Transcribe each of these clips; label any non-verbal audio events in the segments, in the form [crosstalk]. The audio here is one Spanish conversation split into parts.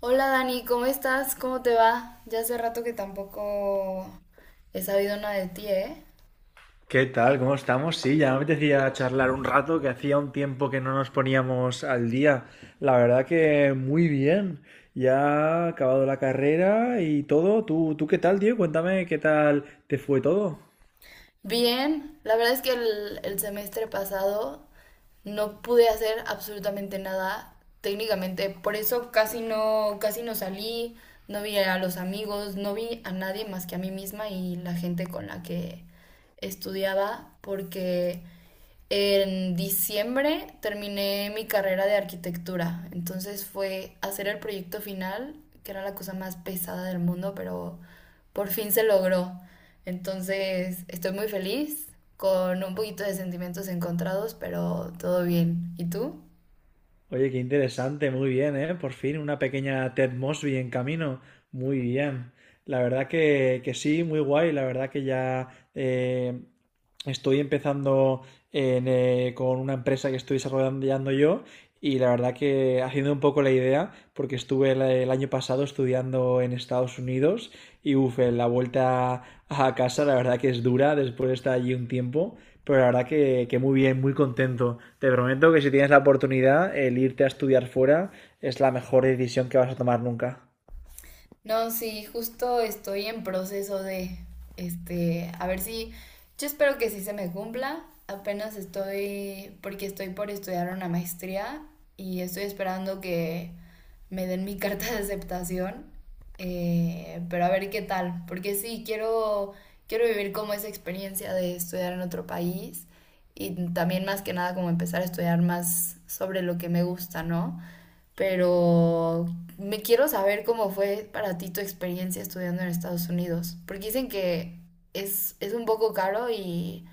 Hola Dani, ¿cómo estás? ¿Cómo te va? Ya hace rato que tampoco he sabido nada de ti, ¿eh? ¿Qué tal? ¿Cómo estamos? Sí, ya me apetecía charlar un rato, que hacía un tiempo que no nos poníamos al día. La verdad que muy bien. Ya ha acabado la carrera y todo. ¿Tú qué tal, tío? Cuéntame qué tal te fue todo. Bien, la verdad es que el semestre pasado no pude hacer absolutamente nada técnicamente, por eso casi no salí, no vi a los amigos, no vi a nadie más que a mí misma y la gente con la que estudiaba, porque en diciembre terminé mi carrera de arquitectura, entonces fue hacer el proyecto final, que era la cosa más pesada del mundo, pero por fin se logró. Entonces estoy muy feliz, con un poquito de sentimientos encontrados, pero todo bien. ¿Y tú? Oye, qué interesante, muy bien, ¿eh? Por fin, una pequeña Ted Mosby en camino, muy bien. La verdad que sí, muy guay, la verdad que ya eh, estoy empezando con una empresa que estoy desarrollando yo y la verdad que haciendo un poco la idea, porque estuve el año pasado estudiando en Estados Unidos y uff, la vuelta a casa la verdad que es dura después de estar allí un tiempo, pero la verdad que muy bien, muy contento. Te prometo que si tienes la oportunidad, el irte a estudiar fuera es la mejor decisión que vas a tomar nunca. No, sí, justo estoy en proceso de, este, a ver si, yo espero que sí se me cumpla. Apenas estoy, porque estoy por estudiar una maestría y estoy esperando que me den mi [laughs] carta de aceptación. Pero a ver qué tal, porque sí, quiero vivir como esa experiencia de estudiar en otro país y también más que nada como empezar a estudiar más sobre lo que me gusta, ¿no? Pero me quiero saber cómo fue para ti tu experiencia estudiando en Estados Unidos, porque dicen que es un poco caro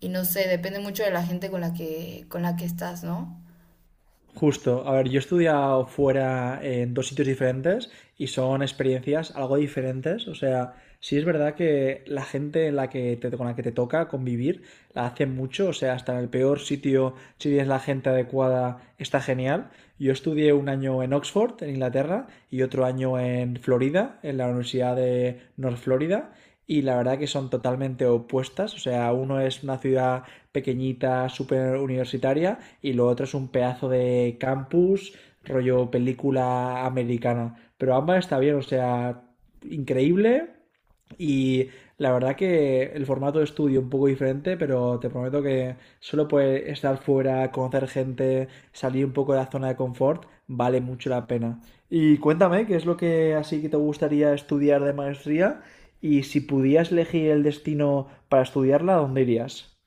y no sé, depende mucho de la gente con la que estás, ¿no? Justo, a ver, yo he estudiado fuera en dos sitios diferentes y son experiencias algo diferentes, o sea, sí es verdad que la gente en la que con la que te toca convivir la hace mucho, o sea, hasta en el peor sitio, si tienes la gente adecuada, está genial. Yo estudié un año en Oxford, en Inglaterra, y otro año en Florida, en la Universidad de North Florida, y la verdad que son totalmente opuestas, o sea, uno es una ciudad pequeñita, súper universitaria, y lo otro es un pedazo de campus, rollo película americana. Pero ambas está bien, o sea, increíble. Y la verdad que el formato de estudio un poco diferente, pero te prometo que solo puede estar fuera, conocer gente, salir un poco de la zona de confort, vale mucho la pena. Y cuéntame, ¿qué es lo que así que te gustaría estudiar de maestría? Y si pudieras elegir el destino para estudiarla, ¿a dónde irías?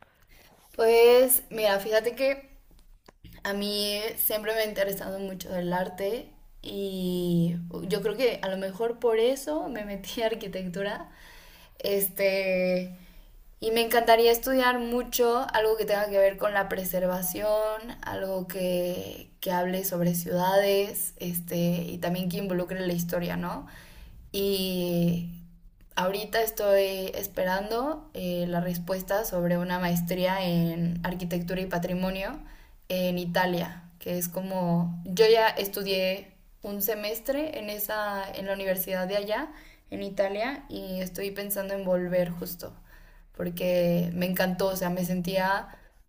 Pues mira, fíjate que a mí siempre me ha interesado mucho el arte y yo creo que a lo mejor por eso me metí a arquitectura. Este, y me encantaría estudiar mucho algo que tenga que ver con la preservación, algo que hable sobre ciudades, este, y también que involucre la historia, ¿no? Y ahorita estoy esperando la respuesta sobre una maestría en arquitectura y patrimonio en Italia, que es como, yo ya estudié un semestre en en la universidad de allá, en Italia, y estoy pensando en volver justo porque me encantó, o sea, me sentía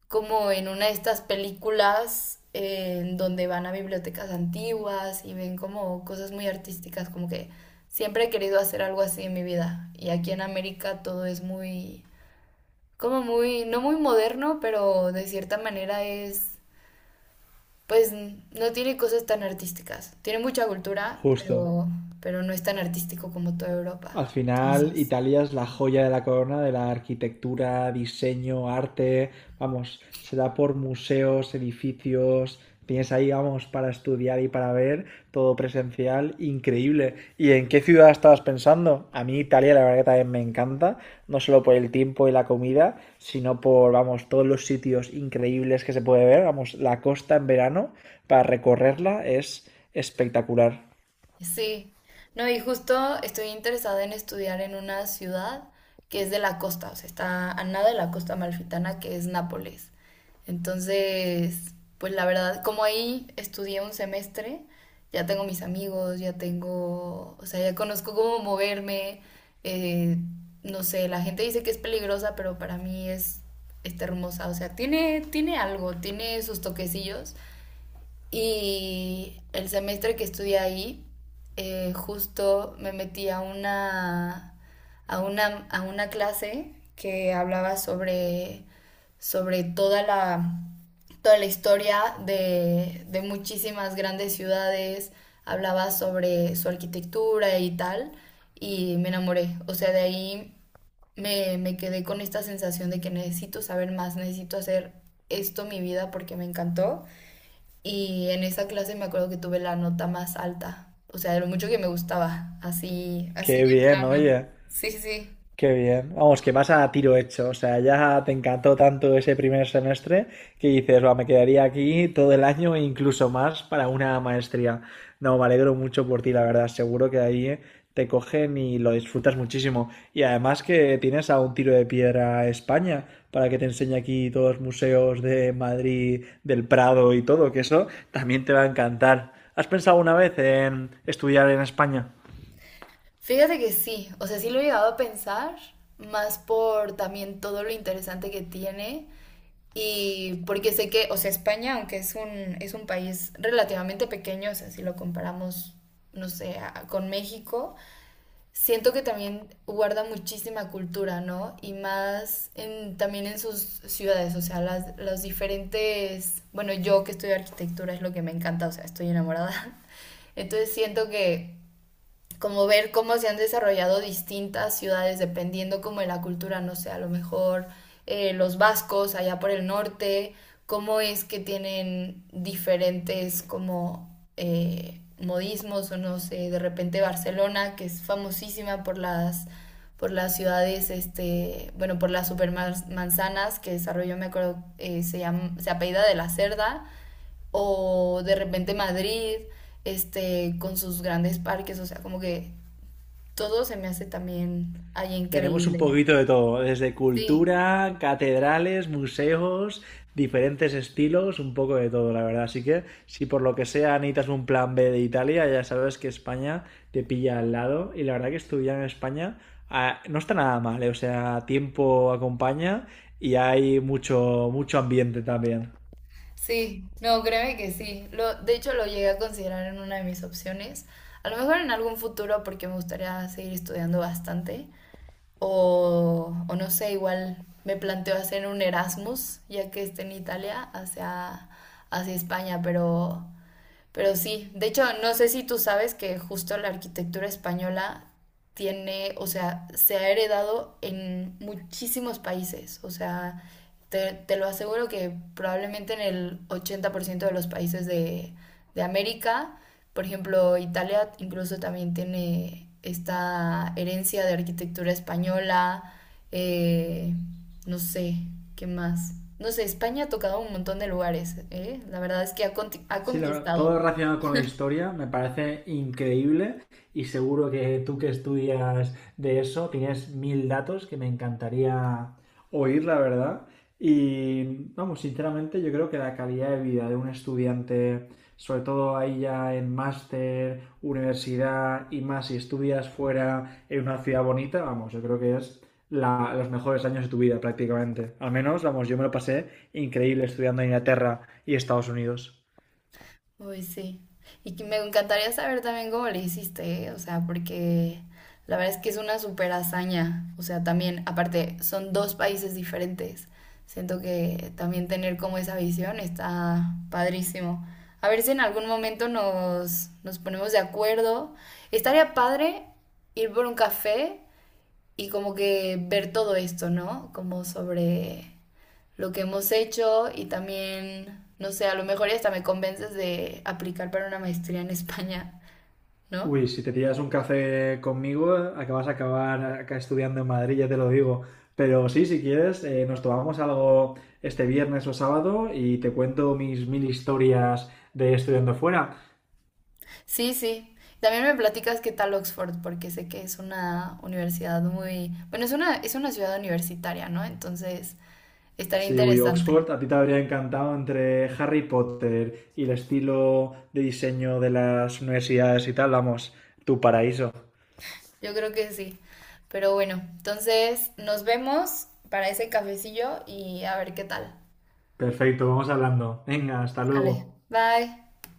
como en una de estas películas en donde van a bibliotecas antiguas y ven como cosas muy artísticas, como que siempre he querido hacer algo así en mi vida. Y aquí en América todo es muy, como muy, no muy moderno, pero de cierta manera es, pues no tiene cosas tan artísticas. Tiene mucha cultura, Justo. Pero no es tan artístico como toda Al Europa. final, Entonces... Italia es la joya de la corona de la arquitectura, diseño, arte. Vamos, se da por museos, edificios. Tienes ahí, vamos, para estudiar y para ver todo presencial, increíble. ¿Y en qué ciudad estabas pensando? A mí Italia, la verdad que también me encanta, no solo por el tiempo y la comida, sino por, vamos, todos los sitios increíbles que se puede ver. Vamos, la costa en verano, para recorrerla es espectacular. Sí, no, y justo estoy interesada en estudiar en una ciudad que es de la costa, o sea, está a nada de la costa amalfitana, que es Nápoles. Entonces, pues la verdad, como ahí estudié un semestre, ya tengo mis amigos, ya tengo, o sea, ya conozco cómo moverme, eh, no sé, la gente dice que es peligrosa, pero para mí es, está hermosa, o sea, tiene, tiene algo, tiene sus toquecillos. Y el semestre que estudié ahí, justo me metí a una clase que hablaba sobre toda toda la historia de muchísimas grandes ciudades, hablaba sobre su arquitectura y tal, y me enamoré. O sea, de ahí me quedé con esta sensación de que necesito saber más, necesito hacer esto mi vida porque me encantó. Y en esa clase me acuerdo que tuve la nota más alta, o sea, de lo mucho que me gustaba, así, así Qué de bien, plano. oye. Sí, sí, sí. Qué bien. Vamos, que vas a tiro hecho. O sea, ya te encantó tanto ese primer semestre que dices, va, me quedaría aquí todo el año e incluso más para una maestría. No, me alegro mucho por ti, la verdad. Seguro que ahí te cogen y lo disfrutas muchísimo. Y además que tienes a un tiro de piedra a España para que te enseñe aquí todos los museos de Madrid, del Prado y todo, que eso también te va a encantar. ¿Has pensado una vez en estudiar en España? Fíjate que sí, o sea, sí lo he llegado a pensar, más por también todo lo interesante que tiene y porque sé que, o sea, España, aunque es un país relativamente pequeño, o sea, si lo comparamos, no sé, a- con México, siento que también guarda muchísima cultura, ¿no? Y más en, también en sus ciudades, o sea, las diferentes, bueno, yo que estudio arquitectura es lo que me encanta, o sea, estoy enamorada. [laughs] Entonces siento que como ver cómo se han desarrollado distintas ciudades dependiendo como de la cultura, no sé, a lo mejor los vascos allá por el norte, cómo es que tienen diferentes como modismos o no sé, de repente Barcelona, que es famosísima por las ciudades, este, bueno, por las supermanzanas que desarrolló, me acuerdo, llama, se apellida de la Cerda, o de repente Madrid, este, con sus grandes parques, o sea, como que todo se me hace también ahí Tenemos un increíble. poquito de todo, desde Sí, cultura, catedrales, museos, diferentes estilos, un poco de todo, la verdad. Así que si por lo que sea necesitas un plan B de Italia, ya sabes que España te pilla al lado. Y la verdad que estudiar en España ah, no está nada mal, ¿eh? O sea, tiempo acompaña y hay mucho ambiente también. sí, no, créeme que sí. Lo, de hecho, lo llegué a considerar en una de mis opciones. A lo mejor en algún futuro, porque me gustaría seguir estudiando bastante. O no sé, igual me planteo hacer un Erasmus, ya que esté en Italia, hacia, hacia España, pero sí, de hecho, no sé si tú sabes que justo la arquitectura española tiene, o sea, se ha heredado en muchísimos países. O sea, te lo aseguro que probablemente en el 80% de los países de América, por ejemplo, Italia incluso también tiene esta herencia de arquitectura española. eh, no sé, ¿qué más? No sé, España ha tocado un montón de lugares, ¿eh? La verdad es que ha, conti- ha Sí, la verdad, conquistado. todo relacionado con la historia me parece increíble y seguro que tú que estudias de eso tienes mil datos que me encantaría oír, la verdad. Y vamos, sinceramente yo creo que la calidad de vida de un estudiante, sobre todo ahí ya en máster, universidad y más si estudias fuera en una ciudad bonita, vamos, yo creo que es los mejores años de tu vida prácticamente. Al menos, vamos, yo me lo pasé increíble estudiando en Inglaterra y Estados Unidos. Uy, sí. Y que me encantaría saber también cómo le hiciste, ¿eh? O sea, porque la verdad es que es una super hazaña. O sea, también, aparte, son dos países diferentes. Siento que también tener como esa visión está padrísimo. A ver si en algún momento nos ponemos de acuerdo. Estaría padre ir por un café y como que ver todo esto, ¿no? Como sobre lo que hemos hecho y también, no sé, a lo mejor hasta me convences de aplicar para una maestría en España, ¿no? Uy, si te pillas un café conmigo, acabas a acabar acá estudiando en Madrid, ya te lo digo. Pero sí, si quieres, nos tomamos algo este viernes o sábado y te cuento mis mil historias de estudiando fuera. Sí, sí. También me platicas qué tal Oxford, porque sé que es una universidad muy, bueno, es una ciudad universitaria, ¿no? Entonces, estaría Sí, uy, Oxford, interesante. a ti te habría encantado entre Harry Potter y el estilo de diseño de las universidades y tal, vamos, tu paraíso. Yo creo que sí. Pero bueno, entonces nos vemos para ese cafecillo y a ver qué tal. Perfecto, vamos hablando. Venga, hasta Dale. luego. Bye.